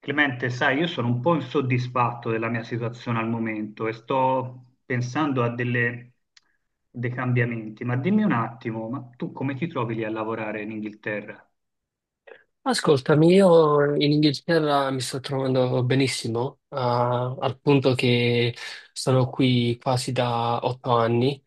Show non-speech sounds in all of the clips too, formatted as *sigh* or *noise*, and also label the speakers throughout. Speaker 1: Clemente, sai, io sono un po' insoddisfatto della mia situazione al momento e sto pensando a dei cambiamenti, ma dimmi un attimo, ma tu come ti trovi lì a lavorare in Inghilterra?
Speaker 2: Ascoltami, io in Inghilterra mi sto trovando benissimo, ah, al punto che sono qui quasi da otto anni.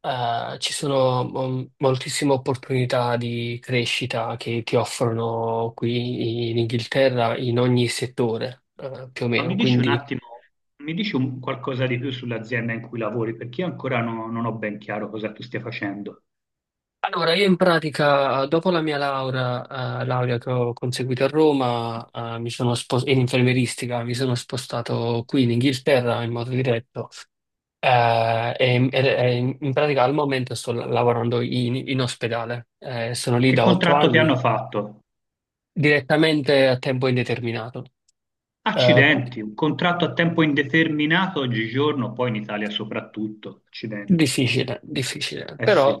Speaker 2: Ci sono moltissime opportunità di crescita che ti offrono qui in Inghilterra in ogni settore, più o
Speaker 1: Ma mi
Speaker 2: meno.
Speaker 1: dici un
Speaker 2: Quindi,
Speaker 1: attimo, mi dici qualcosa di più sull'azienda in cui lavori, perché io ancora non ho ben chiaro cosa tu stia facendo.
Speaker 2: allora, io in pratica, dopo la mia laurea, laurea che ho conseguito a Roma, in infermieristica, mi sono spostato qui in Inghilterra in modo diretto. In pratica al momento sto lavorando in ospedale. Sono lì
Speaker 1: Che
Speaker 2: da otto
Speaker 1: contratto ti
Speaker 2: anni,
Speaker 1: hanno fatto?
Speaker 2: direttamente a tempo indeterminato. Eh, cu-
Speaker 1: Accidenti, un contratto a tempo indeterminato oggigiorno, poi in Italia soprattutto, accidenti.
Speaker 2: Difficile, difficile,
Speaker 1: Eh sì.
Speaker 2: però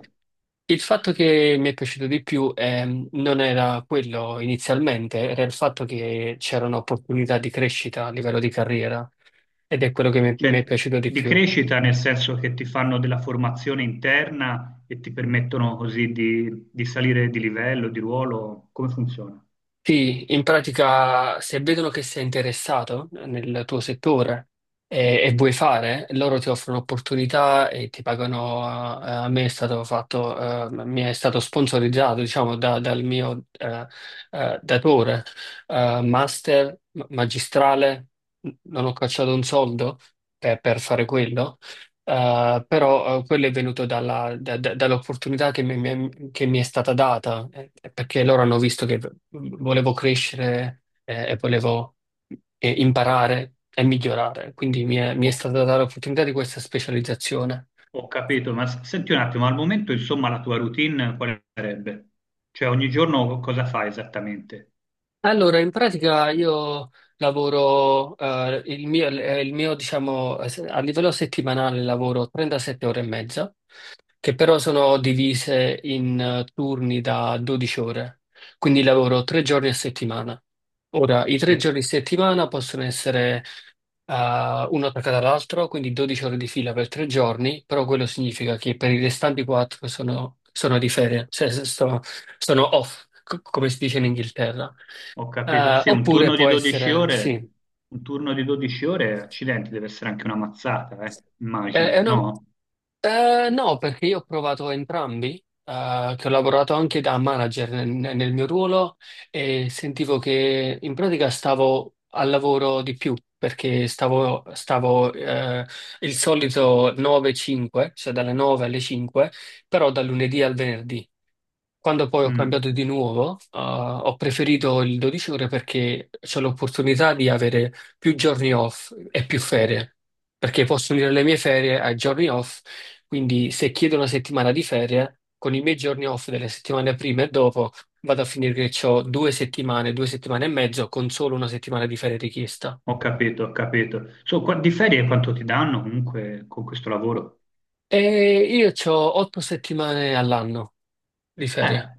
Speaker 2: il fatto che mi è piaciuto di più non era quello inizialmente, era il fatto che c'erano opportunità di crescita a livello di carriera ed è quello che mi
Speaker 1: Cioè,
Speaker 2: è piaciuto di
Speaker 1: di
Speaker 2: più.
Speaker 1: crescita nel senso che ti fanno della formazione interna e ti permettono così di salire di livello, di ruolo? Come funziona?
Speaker 2: Sì, in pratica se vedono che sei interessato nel tuo settore e vuoi fare, loro ti offrono opportunità e ti pagano. A me è stato fatto, mi è stato sponsorizzato, diciamo, dal mio datore, master, magistrale, non ho cacciato un soldo per fare quello. Però Quello è venuto dall'opportunità che mi è stata data, perché loro hanno visto che volevo crescere e volevo imparare e migliorare, quindi mi è
Speaker 1: Ho,
Speaker 2: stata data l'opportunità di questa specializzazione.
Speaker 1: ho capito, ma senti un attimo, al momento insomma la tua routine quale sarebbe? Cioè ogni giorno cosa fai esattamente?
Speaker 2: Allora, in pratica io lavoro, il mio, diciamo, a livello settimanale lavoro 37 ore e mezza che però sono divise in turni da 12 ore, quindi lavoro tre giorni a settimana. Ora, i
Speaker 1: Sì,
Speaker 2: tre giorni a settimana possono essere uno attaccato all'altro, quindi 12 ore di fila per tre giorni, però quello significa che per i restanti quattro sono di ferie, cioè se sto- sono off, come si dice in Inghilterra.
Speaker 1: ho capito. Sì, un
Speaker 2: Oppure
Speaker 1: turno di
Speaker 2: può
Speaker 1: 12
Speaker 2: essere,
Speaker 1: ore,
Speaker 2: sì.
Speaker 1: un turno di 12 ore, accidenti, deve essere anche una mazzata,
Speaker 2: Eh, è
Speaker 1: immagino,
Speaker 2: una-
Speaker 1: no?
Speaker 2: no, perché io ho provato entrambi, che ho lavorato anche da manager nel mio ruolo e sentivo che in pratica stavo al lavoro di più perché il solito 9-5, cioè dalle 9 alle 5, però dal lunedì al venerdì. Quando poi ho
Speaker 1: Mm.
Speaker 2: cambiato di nuovo, ho preferito il 12 ore perché c'ho l'opportunità di avere più giorni off e più ferie, perché posso unire le mie ferie ai giorni off, quindi se chiedo una settimana di ferie, con i miei giorni off delle settimane prima e dopo, vado a finire che ho due settimane e mezzo con solo una settimana di ferie richiesta.
Speaker 1: Ho capito, ho capito. So, di ferie quanto ti danno comunque con questo lavoro?
Speaker 2: E io ho otto settimane all'anno di ferie.
Speaker 1: Eh,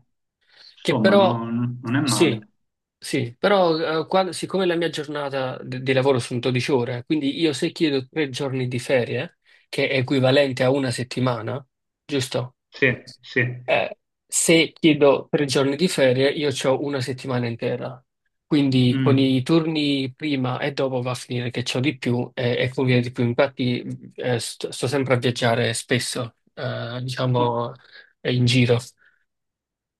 Speaker 2: Che
Speaker 1: insomma,
Speaker 2: però,
Speaker 1: non è
Speaker 2: sì,
Speaker 1: male.
Speaker 2: sì, però siccome la mia giornata di lavoro sono 12 ore, quindi io se chiedo tre giorni di ferie, che è equivalente a una settimana, giusto?
Speaker 1: Sì, sì.
Speaker 2: Eh, se chiedo tre giorni di ferie, io ho una settimana intera. Quindi con
Speaker 1: Mm.
Speaker 2: i turni prima e dopo va a finire che c'ho di più e conviene di più. Infatti sto sempre a viaggiare spesso,
Speaker 1: Oh.
Speaker 2: diciamo, in giro.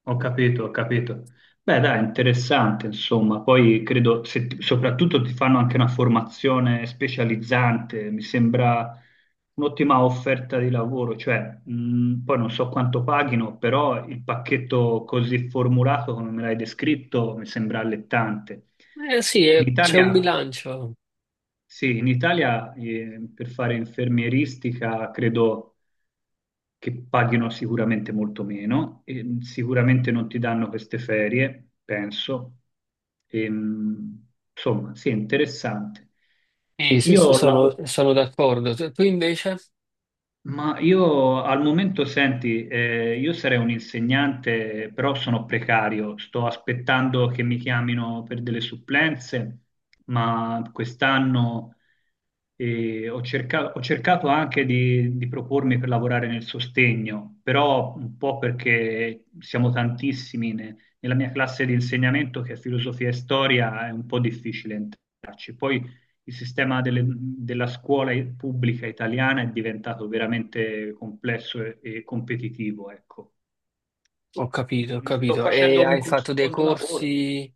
Speaker 1: Ho capito, ho capito. Beh, dai, interessante, insomma. Poi credo, se soprattutto ti fanno anche una formazione specializzante, mi sembra un'ottima offerta di lavoro, cioè, poi non so quanto paghino, però il pacchetto così formulato come me l'hai descritto mi sembra allettante.
Speaker 2: Eh sì,
Speaker 1: In
Speaker 2: c'è un
Speaker 1: Italia,
Speaker 2: bilancio.
Speaker 1: sì, in Italia, per fare infermieristica, credo che paghino sicuramente molto meno e sicuramente non ti danno queste ferie, penso. E, insomma, sì, è interessante.
Speaker 2: Sì,
Speaker 1: Io ho lavo-
Speaker 2: sono d'accordo. Tu invece?
Speaker 1: ma io al momento, senti, io sarei un insegnante, però sono precario, sto aspettando che mi chiamino per delle supplenze, ma quest'anno ho cercato anche di propormi per lavorare nel sostegno, però un po' perché siamo tantissimi nella mia classe di insegnamento che è filosofia e storia, è un po' difficile entrarci. Poi il sistema della scuola pubblica italiana è diventato veramente complesso e competitivo, ecco.
Speaker 2: Ho capito, ho
Speaker 1: Mm, sto
Speaker 2: capito.
Speaker 1: facendo
Speaker 2: E hai
Speaker 1: comunque un
Speaker 2: fatto dei
Speaker 1: secondo lavoro.
Speaker 2: corsi?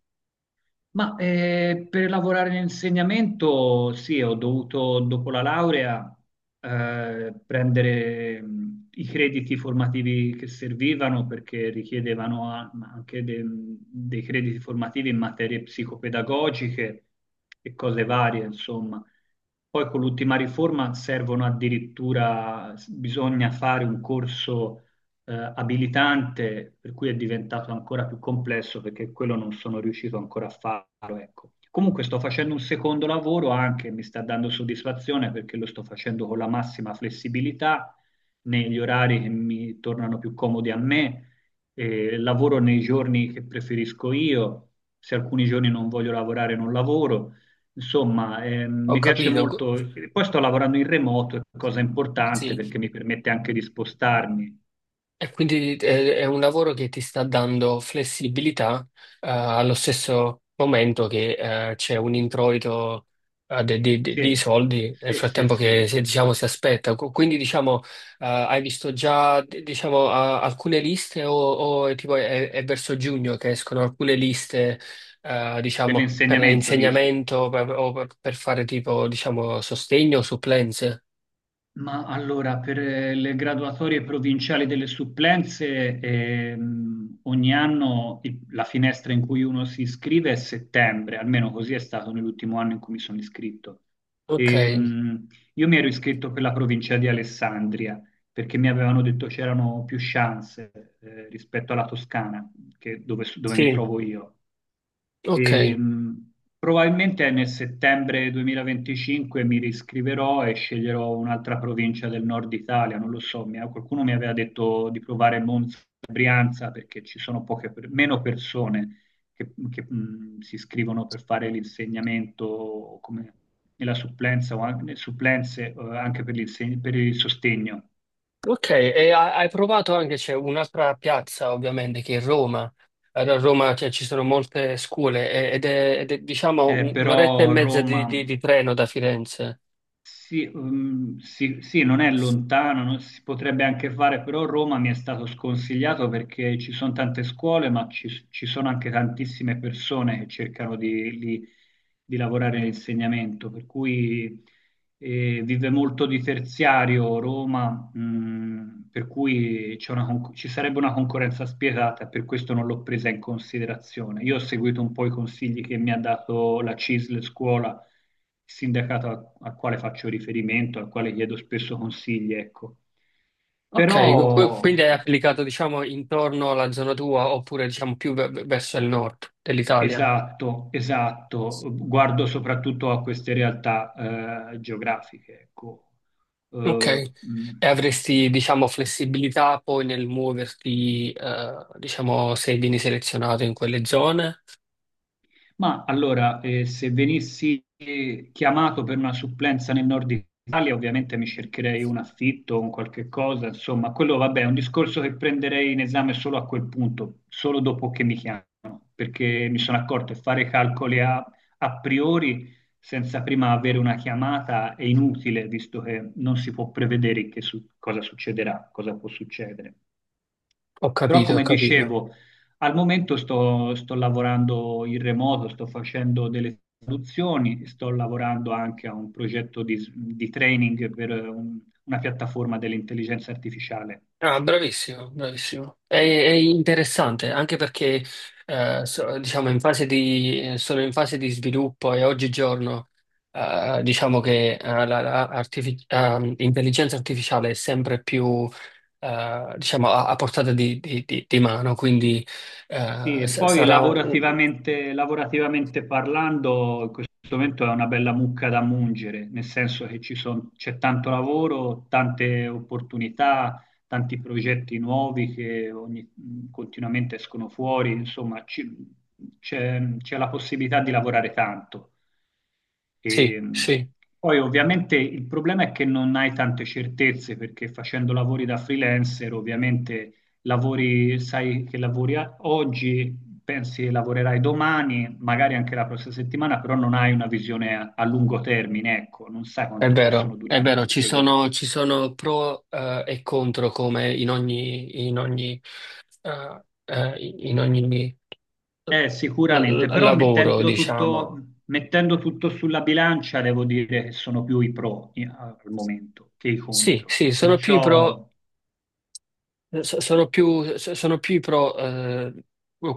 Speaker 1: Ma per lavorare in insegnamento, sì, ho dovuto dopo la laurea prendere i crediti formativi che servivano perché richiedevano ma anche dei crediti formativi in materie psicopedagogiche e cose varie, insomma. Poi con l'ultima riforma servono addirittura, bisogna fare un corso abilitante, per cui è diventato ancora più complesso perché quello non sono riuscito ancora a farlo, ecco. Comunque sto facendo un secondo lavoro anche, mi sta dando soddisfazione perché lo sto facendo con la massima flessibilità, negli orari che mi tornano più comodi a me, lavoro nei giorni che preferisco io, se alcuni giorni non voglio lavorare non lavoro. Insomma,
Speaker 2: Ho
Speaker 1: mi piace
Speaker 2: capito.
Speaker 1: molto, e poi sto lavorando in remoto, cosa importante
Speaker 2: Sì,
Speaker 1: perché mi permette anche di spostarmi.
Speaker 2: e quindi è un lavoro che ti sta dando flessibilità, allo stesso momento che c'è un introito di
Speaker 1: Sì,
Speaker 2: soldi nel
Speaker 1: sì, sì,
Speaker 2: frattempo che
Speaker 1: sì.
Speaker 2: si, diciamo, si aspetta. Quindi diciamo, hai visto già diciamo, alcune liste o è, tipo, è verso giugno che escono alcune liste
Speaker 1: Per
Speaker 2: diciamo, per
Speaker 1: l'insegnamento dici?
Speaker 2: insegnamento o per fare tipo diciamo, sostegno o supplenze?
Speaker 1: Ma allora, per le graduatorie provinciali delle supplenze, ogni anno la finestra in cui uno si iscrive è settembre, almeno così è stato nell'ultimo anno in cui mi sono iscritto.
Speaker 2: Ok,
Speaker 1: Ehm, io mi ero iscritto per la provincia di Alessandria, perché mi avevano detto c'erano più chance, rispetto alla Toscana, dove dove mi
Speaker 2: sì,
Speaker 1: trovo io.
Speaker 2: ok.
Speaker 1: Ehm, probabilmente nel settembre 2025 mi riscriverò e sceglierò un'altra provincia del nord Italia, non lo so, qualcuno mi aveva detto di provare Monza e Brianza perché ci sono poche, meno persone che, si iscrivono per fare l'insegnamento come nella supplenza o anche, nelle supplenze, anche per per il sostegno.
Speaker 2: Ok, e hai provato anche, c'è un'altra piazza ovviamente che è Roma. A Roma cioè, ci sono molte scuole ed è, diciamo un'oretta e
Speaker 1: Però
Speaker 2: mezza
Speaker 1: Roma
Speaker 2: di, di treno da Firenze.
Speaker 1: sì, sì, sì, non è lontano, si potrebbe anche fare, però Roma mi è stato sconsigliato perché ci sono tante scuole, ma ci, ci sono anche tantissime persone che cercano di lavorare nell'insegnamento, per cui vive molto di terziario Roma, per cui c'è una ci sarebbe una concorrenza spietata, e per questo non l'ho presa in considerazione. Io ho seguito un po' i consigli che mi ha dato la CISL scuola sindacato al, al quale faccio riferimento, al quale chiedo spesso consigli, ecco.
Speaker 2: Ok, quindi
Speaker 1: Però,
Speaker 2: hai
Speaker 1: co-
Speaker 2: applicato diciamo intorno alla zona tua oppure diciamo più verso il nord dell'Italia.
Speaker 1: esatto, esatto, guardo soprattutto a queste realtà geografiche, ecco.
Speaker 2: Ok,
Speaker 1: Eh, mh,
Speaker 2: e avresti diciamo flessibilità poi nel muoverti diciamo se vieni selezionato in quelle zone?
Speaker 1: ma allora, se venissi chiamato per una supplenza nel nord Italia, ovviamente mi cercherei un affitto, un qualche cosa, insomma, quello vabbè, è un discorso che prenderei in esame solo a quel punto, solo dopo che mi chiamano, perché mi sono accorto che fare calcoli a, a priori senza prima avere una chiamata è inutile, visto che non si può prevedere che cosa succederà, cosa può succedere.
Speaker 2: Ho
Speaker 1: Però,
Speaker 2: capito, ho
Speaker 1: come
Speaker 2: capito.
Speaker 1: dicevo, al momento sto, sto lavorando in remoto, sto facendo delle traduzioni, sto lavorando anche a un progetto di, di training per una piattaforma dell'intelligenza artificiale.
Speaker 2: Ah, bravissimo, bravissimo. È interessante anche perché diciamo in fase di, sono in fase di sviluppo e oggigiorno diciamo che la intelligenza artificiale è sempre più diciamo, a portata di, di mano, quindi
Speaker 1: Sì, e poi
Speaker 2: sarà un...
Speaker 1: lavorativamente, lavorativamente parlando, in questo momento è una bella mucca da mungere, nel senso che c'è tanto lavoro, tante opportunità, tanti progetti nuovi che continuamente escono fuori, insomma, c'è c'è la possibilità di lavorare tanto.
Speaker 2: Sì,
Speaker 1: E,
Speaker 2: sì.
Speaker 1: poi ovviamente il problema è che non hai tante certezze perché facendo lavori da freelancer ovviamente lavori, sai che lavori oggi, pensi che lavorerai domani, magari anche la prossima settimana, però non hai una visione a, a lungo termine, ecco, non sai quanto possono
Speaker 2: È
Speaker 1: durare
Speaker 2: vero,
Speaker 1: questi progetti.
Speaker 2: ci sono pro, e contro come in ogni, in ogni, eh, eh, in ogni eh, l-
Speaker 1: Sicuramente, però
Speaker 2: lavoro, diciamo.
Speaker 1: mettendo tutto sulla bilancia, devo dire che sono più i pro al momento che i
Speaker 2: Sì,
Speaker 1: contro.
Speaker 2: sì, sono più i pro.
Speaker 1: Perciò
Speaker 2: Sono più, sono più i pro,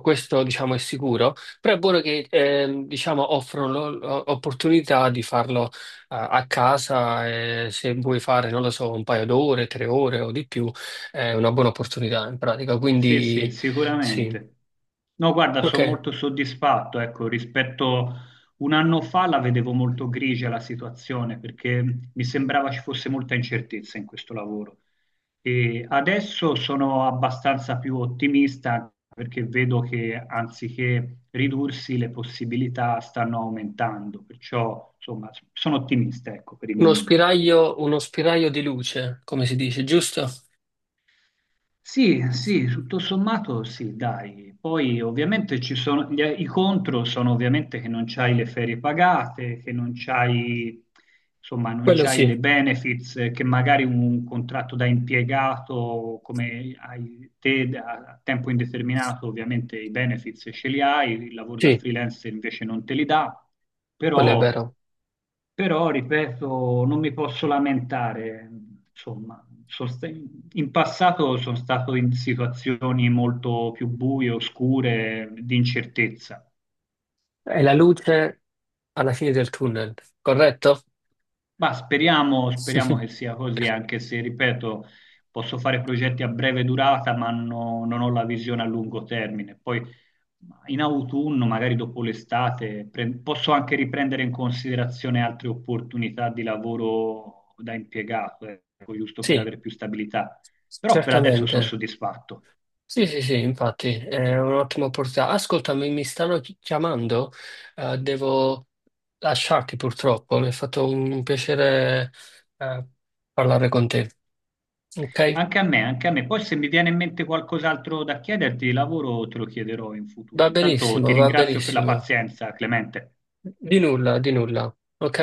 Speaker 2: questo diciamo è sicuro, però è buono che diciamo, offrono l'opportunità di farlo a casa, se vuoi fare, non lo so, un paio d'ore, tre ore o di più, è una buona opportunità in pratica.
Speaker 1: sì, sì,
Speaker 2: Quindi sì,
Speaker 1: sicuramente. No, guarda,
Speaker 2: ok,
Speaker 1: sono molto soddisfatto, ecco, rispetto un anno fa la vedevo molto grigia la situazione perché mi sembrava ci fosse molta incertezza in questo lavoro. E adesso sono abbastanza più ottimista perché vedo che anziché ridursi le possibilità stanno aumentando, perciò insomma sono ottimista, ecco, per il momento.
Speaker 2: uno spiraglio di luce, come si dice, giusto?
Speaker 1: Sì, sì, tutto sommato sì, dai. Poi ovviamente ci sono, i contro sono ovviamente che non c'hai le ferie pagate, che non c'hai, insomma, non
Speaker 2: Quello
Speaker 1: c'hai dei
Speaker 2: sì,
Speaker 1: benefits che magari un contratto da impiegato come hai te a tempo indeterminato, ovviamente i benefits ce li hai, il lavoro da
Speaker 2: sì,
Speaker 1: freelance invece non te li dà,
Speaker 2: quello è
Speaker 1: però
Speaker 2: vero.
Speaker 1: però, ripeto, non mi posso lamentare, insomma, in passato sono stato in situazioni molto più buie, oscure, di incertezza.
Speaker 2: È la luce alla fine del tunnel, corretto?
Speaker 1: Ma speriamo, speriamo che
Speaker 2: *laughs*
Speaker 1: sia così, anche se, ripeto, posso fare progetti a breve durata, ma non ho la visione a lungo termine. Poi in autunno, magari dopo l'estate, posso anche riprendere in considerazione altre opportunità di lavoro da impiegato, ecco, giusto per
Speaker 2: Sì.
Speaker 1: avere più stabilità. Però per adesso
Speaker 2: Certamente.
Speaker 1: sono soddisfatto.
Speaker 2: Sì, sì, sì, infatti è un'ottima opportunità. Ascoltami, mi stanno chiamando, devo lasciarti purtroppo. Mi è fatto un piacere, eh, parlare con te. Ok?
Speaker 1: Anche a me, anche a me. Poi se mi viene in mente qualcos'altro da chiederti di lavoro, te lo chiederò in futuro.
Speaker 2: Va
Speaker 1: Intanto ti
Speaker 2: benissimo, va
Speaker 1: ringrazio per la
Speaker 2: benissimo.
Speaker 1: pazienza, Clemente.
Speaker 2: Di nulla, di nulla. Ok?